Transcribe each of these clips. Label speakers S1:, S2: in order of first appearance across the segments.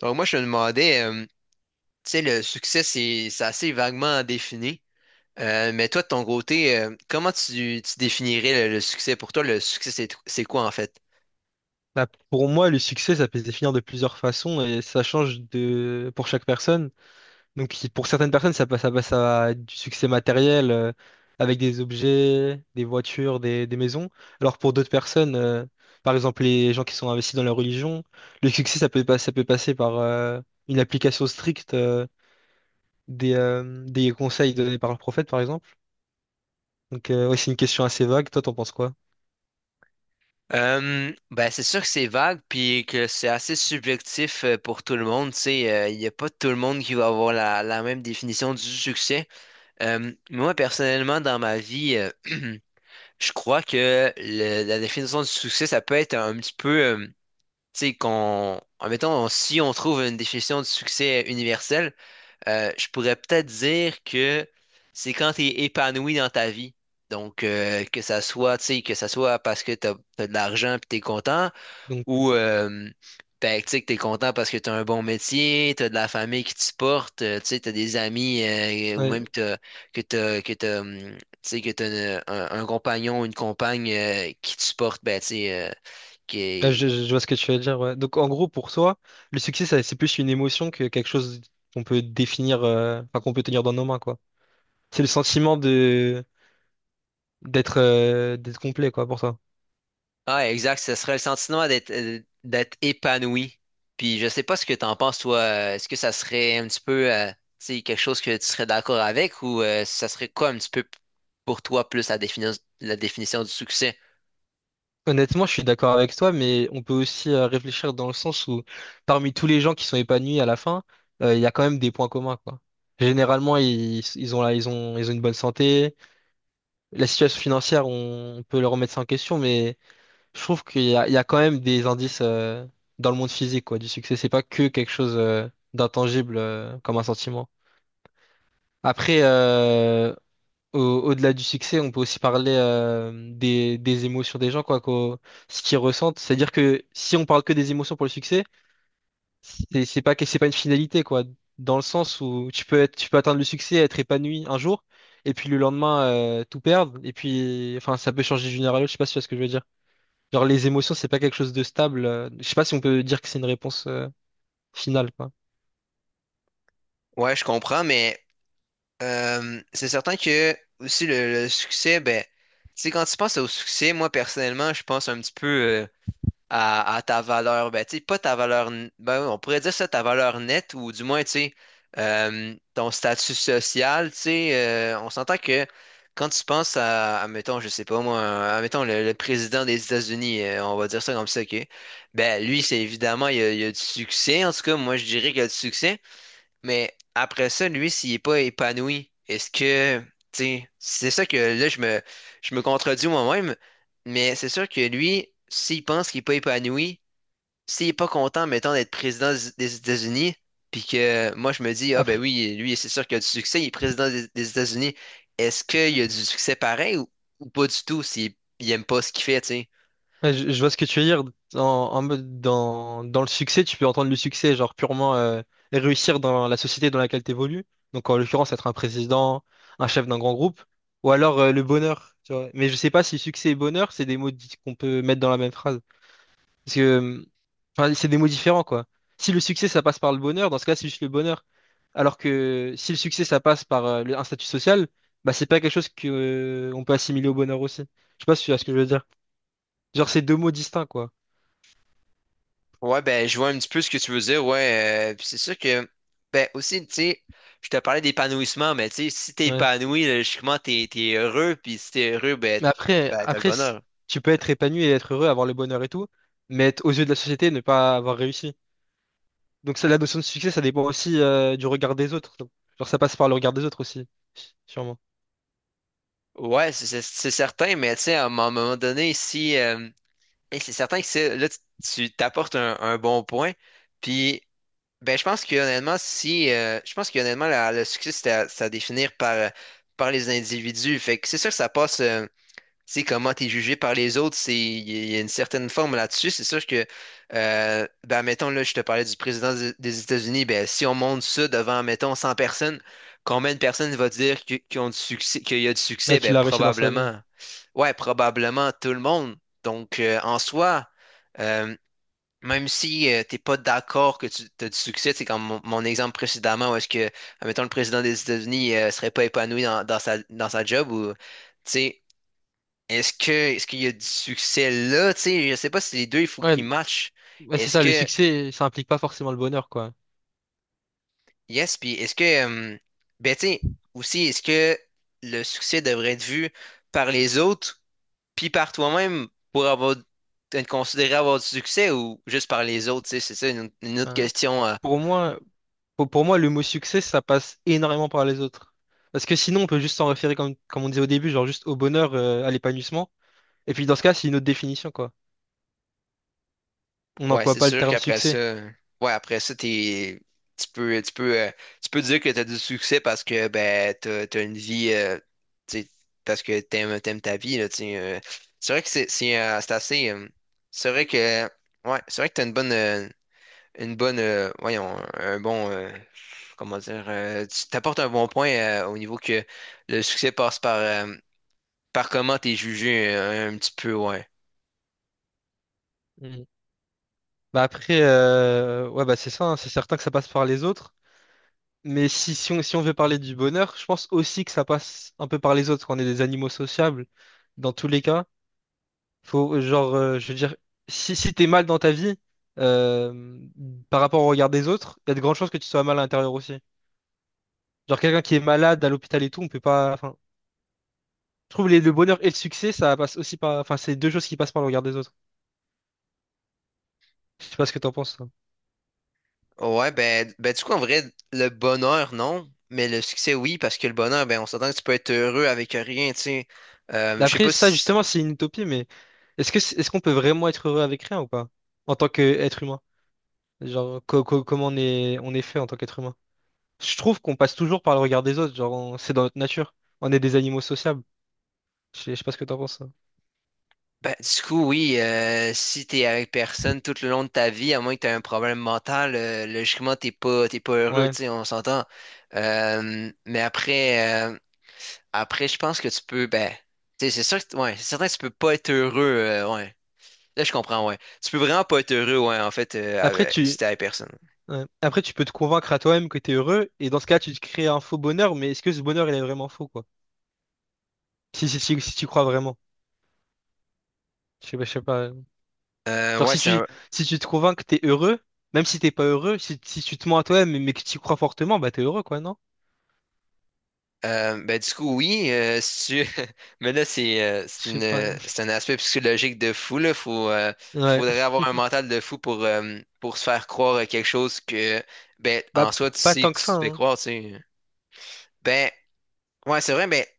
S1: Donc moi, je me demandais, tu sais, le succès, c'est assez vaguement défini. Mais toi, de ton côté, comment tu définirais le succès? Pour toi, le succès, c'est quoi en fait?
S2: Bah, pour moi, le succès, ça peut se définir de plusieurs façons et ça change de pour chaque personne. Donc, pour certaines personnes, ça passe à du succès matériel, avec des objets, des voitures, des maisons. Alors, pour d'autres personnes, par exemple, les gens qui sont investis dans la religion, le succès, ça peut, pas- ça peut passer par une application stricte, des conseils donnés par le prophète, par exemple. Donc, ouais, c'est une question assez vague. Toi, t'en penses quoi?
S1: Ben, c'est sûr que c'est vague, puis que c'est assez subjectif pour tout le monde. Tu sais, il n'y a pas tout le monde qui va avoir la même définition du succès. Moi, personnellement, dans ma vie, je crois que la définition du succès, ça peut être un petit peu... tu sais, qu'on, admettons, si on trouve une définition du succès universel, je pourrais peut-être dire que c'est quand tu es épanoui dans ta vie. Donc, que ça soit, tu sais, que ça soit parce que tu as de l'argent puis tu es content,
S2: Donc,
S1: ou tu sais, que tu es content parce que tu as un bon métier, tu as de la famille qui te supporte, tu sais, tu as des amis, ou
S2: ouais.
S1: même que tu sais, que tu as un compagnon, une compagne qui te supporte, ben, tu sais,
S2: Ah,
S1: qui,
S2: Vois ce que tu veux dire, ouais. Donc en gros, pour toi, le succès, c'est plus une émotion que quelque chose qu'on peut définir, enfin qu'on peut tenir dans nos mains, quoi. C'est le sentiment de d'être d'être complet, quoi, pour toi.
S1: Ah, exact. Ce serait le sentiment d'être d'être épanoui. Puis je sais pas ce que t'en penses, toi. Est-ce que ça serait un petit peu, tu sais, quelque chose que tu serais d'accord avec, ou ça serait quoi un petit peu pour toi plus la la définition du succès?
S2: Honnêtement, je suis d'accord avec toi, mais on peut aussi réfléchir dans le sens où parmi tous les gens qui sont épanouis à la fin, il y a quand même des points communs, quoi. Généralement, ils ont une bonne santé. La situation financière, on peut leur remettre ça en question, mais je trouve qu'il y a quand même des indices, dans le monde physique quoi, du succès. C'est pas que quelque chose, d'intangible, comme un sentiment. Après, au-delà du succès, on peut aussi parler des émotions des gens, quoi, ce qu'ils ressentent. C'est-à-dire que si on parle que des émotions pour le succès, c'est pas une finalité, quoi. Dans le sens où tu peux atteindre le succès, être épanoui un jour, et puis le lendemain, tout perdre. Et puis, enfin, ça peut changer d'une heure à l'autre. Je sais pas si tu vois ce que je veux dire. Genre les émotions, c'est pas quelque chose de stable. Je sais pas si on peut dire que c'est une réponse, finale, quoi.
S1: Ouais, je comprends, mais c'est certain que aussi le succès, ben, tu sais, quand tu penses au succès, moi personnellement, je pense un petit peu à ta valeur, ben, tu sais, pas ta valeur, ben, on pourrait dire ça, ta valeur nette, ou du moins, tu sais, ton statut social, tu sais, on s'entend que quand tu penses à, mettons, je sais pas moi, à, mettons, le président des États-Unis, on va dire ça comme ça, OK, ben, lui, c'est évidemment, il a du succès, en tout cas, moi, je dirais qu'il a du succès, mais après ça, lui, s'il est pas épanoui, est-ce que, tu sais, c'est ça que là, je me contredis moi-même, mais c'est sûr que lui, s'il pense qu'il est pas épanoui, s'il est pas content, mettons, d'être président des États-Unis, puis que moi, je me dis, ah ben
S2: Après,
S1: oui, lui, c'est sûr qu'il a du succès, il est président des États-Unis, est-ce qu'il a du succès pareil, ou pas du tout s'il il aime pas ce qu'il fait, tu sais?
S2: ouais, je vois ce que tu veux dire. En mode dans le succès, tu peux entendre le succès, genre purement, réussir dans la société dans laquelle tu évolues. Donc en l'occurrence, être un président, un chef d'un grand groupe, ou alors, le bonheur, tu vois. Mais je sais pas si succès et bonheur, c'est des mots dits- qu'on peut mettre dans la même phrase. Parce que, euh, enfin, c'est des mots différents, quoi. Si le succès, ça passe par le bonheur, dans ce cas, c'est juste le bonheur. Alors que si le succès, ça passe par un statut social, bah, c'est pas quelque chose que, on peut assimiler au bonheur aussi. Je sais pas si tu vois ce que je veux dire. Genre, c'est deux mots distincts, quoi.
S1: Ouais, ben, je vois un petit peu ce que tu veux dire, ouais. Puis c'est sûr que, ben, aussi, tu sais, je te parlais d'épanouissement, mais tu sais, si t'es
S2: Ouais.
S1: épanoui, logiquement, t'es heureux, puis si t'es heureux, ben,
S2: Mais après,
S1: ben, t'as le
S2: après, si-
S1: bonheur.
S2: tu peux
S1: Tu sais.
S2: être épanoui et être heureux, avoir le bonheur et tout, mais être, aux yeux de la société, ne pas avoir réussi. Donc, ça, la notion de succès, ça dépend aussi, du regard des autres. Genre, ça passe par le regard des autres aussi, sûrement.
S1: Ouais, c'est certain, mais tu sais, à un moment donné, si, et c'est certain que c'est, là, tu t'apportes un bon point, puis, ben, je pense que honnêtement, si, je pense que honnêtement, le succès, c'est à définir par, par les individus, fait que c'est sûr que ça passe. Sais, comment t'es jugé par les autres, c'est, il y a une certaine forme là-dessus. C'est sûr que, ben, mettons, là, je te parlais du président des États-Unis, ben, si on monte ça devant, mettons, 100 personnes, combien de personnes va dire qu'ils ont du succès, qu'il y a du
S2: Ouais,
S1: succès? Ben,
S2: qu'il a réussi dans sa vie.
S1: probablement, ouais, probablement tout le monde. Donc, en soi, euh, même si tu t'es pas d'accord que tu as du succès, c'est comme mon exemple précédemment, où est-ce que, mettons, le président des États-Unis, serait pas épanoui dans, dans sa job, ou tu sais, est-ce qu'il y a du succès là? Tu sais, je sais pas si les deux, il faut qu'ils
S2: Ouais.
S1: matchent.
S2: Ouais, c'est
S1: Est-ce
S2: ça, le
S1: que
S2: succès, ça implique pas forcément le bonheur, quoi.
S1: yes, puis est-ce que euh, ben tu sais, aussi est-ce que le succès devrait être vu par les autres puis par toi-même pour avoir être considéré avoir du succès, ou juste par les autres, tu sais, c'est ça une autre
S2: Hein.
S1: question
S2: Pour moi, pour moi, le mot succès, ça passe énormément par les autres. Parce que sinon, on peut juste s'en référer, comme on disait au début, genre juste au bonheur, à l'épanouissement. Et puis dans ce cas, c'est une autre définition, quoi. On
S1: ouais,
S2: n'emploie
S1: c'est
S2: pas le
S1: sûr
S2: terme
S1: qu'après ça,
S2: succès.
S1: ouais, après ça, tu peux, tu peux, euh, tu peux dire que t'as du succès parce que ben t'as une vie, tu sais, parce que t'aimes ta vie là, tu sais. C'est vrai que c'est assez, c'est vrai que, ouais, c'est vrai que t'as une bonne, voyons, un bon, comment dire, tu t'apportes un bon point au niveau que le succès passe par, par comment t'es jugé un petit peu, ouais.
S2: Mm. Bah après, ouais, bah c'est ça, hein, c'est certain que ça passe par les autres. Mais si on veut parler du bonheur, je pense aussi que ça passe un peu par les autres, qu'on est des animaux sociables. Dans tous les cas, faut, genre, je veux dire, si t'es mal dans ta vie, euh, par rapport au regard des autres, il y a de grandes chances que tu sois mal à l'intérieur aussi. Genre, quelqu'un qui est malade à l'hôpital et tout, on peut pas. Enfin, je trouve le bonheur et le succès, ça passe aussi par. Enfin, c'est deux choses qui passent par le regard des autres. Je sais pas ce que t'en penses, toi.
S1: Ouais, ben, ben du coup, en vrai, le bonheur, non, mais le succès, oui, parce que le bonheur, ben, on s'entend que tu peux être heureux avec rien, tu sais. Je sais
S2: Après,
S1: pas
S2: ça,
S1: si.
S2: justement, c'est une utopie, mais est-ce qu'on peut vraiment être heureux avec rien ou pas? En tant qu'être humain? Genre, on est fait en tant qu'être humain. Je trouve qu'on passe toujours par le regard des autres, genre, c'est dans notre nature. On est des animaux sociables. Je sais pas ce que t'en penses, hein.
S1: Ben, du coup, oui, si t'es avec personne tout le long de ta vie, à moins que t'aies un problème mental, logiquement, t'es pas heureux,
S2: Ouais.
S1: tu sais, on s'entend. Mais après, après, je pense que tu peux, ben, tu sais, c'est sûr que, ouais, c'est certain que tu peux pas être heureux, ouais. Là, je comprends, ouais. Tu peux vraiment pas être heureux, ouais, en fait,
S2: Après,
S1: si
S2: tu,
S1: t'es avec personne.
S2: ouais. Après, tu peux te convaincre à toi-même que t'es heureux, et dans ce cas, tu te crées un faux bonheur, mais est-ce que ce bonheur, il est vraiment faux, quoi? Si si tu crois vraiment. Je sais pas. Genre,
S1: Ouais, c'est un,
S2: si tu te convaincs que t'es heureux, même si t'es pas heureux, si tu te mens à toi-même, mais que tu y crois fortement, bah, t'es heureux, quoi, non?
S1: euh, ben, du coup, oui, si tu- mais là,
S2: Je
S1: c'est
S2: sais
S1: une,
S2: pas.
S1: c'est un aspect psychologique de fou, là.
S2: Ouais.
S1: Faudrait avoir un mental de fou pour se faire croire à quelque chose que, ben,
S2: Bah,
S1: en soi, tu
S2: pas
S1: sais,
S2: tant
S1: que
S2: que
S1: tu
S2: ça,
S1: te fais
S2: hein.
S1: croire, tu sais. Ben, ouais, c'est vrai, ben, tu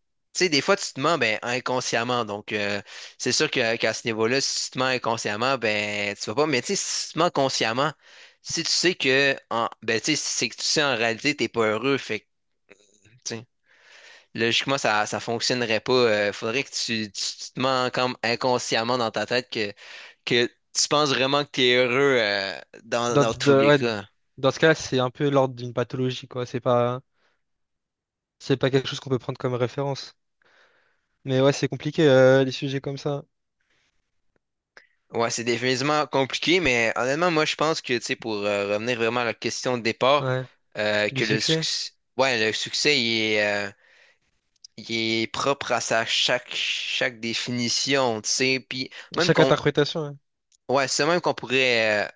S1: sais, des fois, tu te mens, ben, inconsciemment. Donc, c'est sûr que, qu'à ce niveau-là, si tu te mens inconsciemment, ben, tu vas pas, mais tu sais, si tu te mens consciemment, si tu sais que, en, ben, tu sais, si c'est que tu sais, en réalité, t'es pas heureux, fait que, tu sais. Logiquement, ça fonctionnerait pas. Faudrait que tu te mens comme inconsciemment dans ta tête que tu penses vraiment que t'es heureux dans,
S2: Dans,
S1: dans tous
S2: de-
S1: les
S2: ouais,
S1: cas.
S2: dans ce cas-là, c'est un peu l'ordre d'une pathologie, quoi. C'est pas quelque chose qu'on peut prendre comme référence. Mais ouais, c'est compliqué, les sujets comme ça.
S1: Ouais, c'est définitivement compliqué, mais honnêtement, moi, je pense que, tu sais, pour revenir vraiment à la question de départ,
S2: Ouais,
S1: que
S2: du
S1: le
S2: succès.
S1: succès, ouais, le succès, il est propre à sa chaque définition, tu sais, puis même
S2: Chaque
S1: qu'on,
S2: interprétation.
S1: ouais, c'est même qu'on pourrait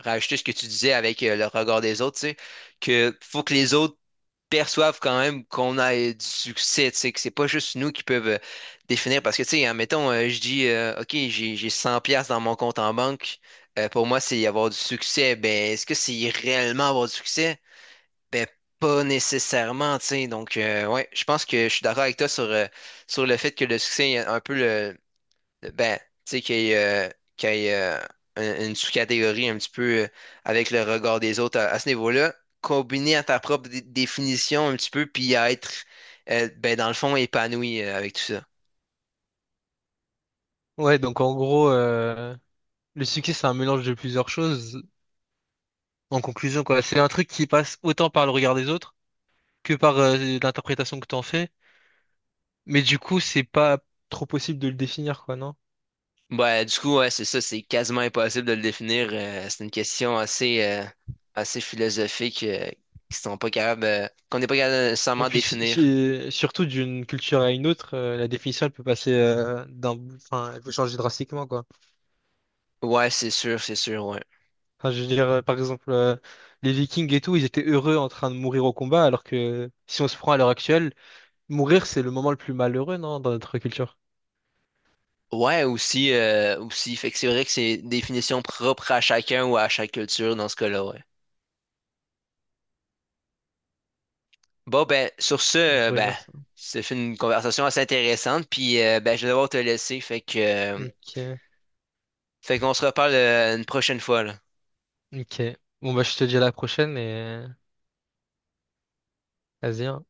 S1: rajouter ce que tu disais avec le regard des autres, tu sais, que faut que les autres perçoivent quand même qu'on a du succès, tu sais, que c'est pas juste nous qui peuvent définir. Parce que, tu sais, admettons, je dis, OK, j'ai 100 pièces dans mon compte en banque, pour moi, c'est avoir du succès. Ben, est-ce que c'est réellement avoir du succès? Ben, pas nécessairement, tu sais. Donc, ouais, je pense que je suis d'accord avec toi sur, sur le fait que le succès est un peu le, ben, tu sais, qu'il y ait, une sous-catégorie un petit peu avec le regard des autres à ce niveau-là, combiné à ta propre définition un petit peu, puis à être, ben, dans le fond, épanoui avec tout ça.
S2: Ouais. Ouais, donc en gros, le succès, c'est un mélange de plusieurs choses. En conclusion, quoi, c'est un truc qui passe autant par le regard des autres que par l'interprétation que t'en fais. Mais du coup, c'est pas trop possible de le définir, quoi, non?
S1: Ben, du coup, ouais, c'est ça, c'est quasiment impossible de le définir. C'est une question assez, assez philosophique qui sont pas capables, qu'on n'est pas capable de
S2: Et
S1: nécessairement
S2: puis
S1: définir.
S2: surtout d'une culture à une autre, la définition elle peut passer enfin, elle peut changer drastiquement, quoi.
S1: Ouais, c'est sûr, ouais.
S2: Enfin, je veux dire, par exemple, les Vikings et tout, ils étaient heureux en train de mourir au combat, alors que si on se prend à l'heure actuelle, mourir, c'est le moment le plus malheureux, non, dans notre culture.
S1: Ouais, aussi, aussi. Fait que c'est vrai que c'est une définition propre à chacun ou à chaque culture dans ce cas-là, ouais. Bon, ben, sur ce,
S2: On
S1: euh,
S2: pourrait
S1: ben,
S2: dire ça.
S1: ça fait une conversation assez intéressante, puis ben, je vais devoir te laisser, fait que,
S2: Ok.
S1: fait qu'on se reparle une prochaine fois, là.
S2: Ok. Bon, bah, je te dis à la prochaine et euh, vas-y, hein.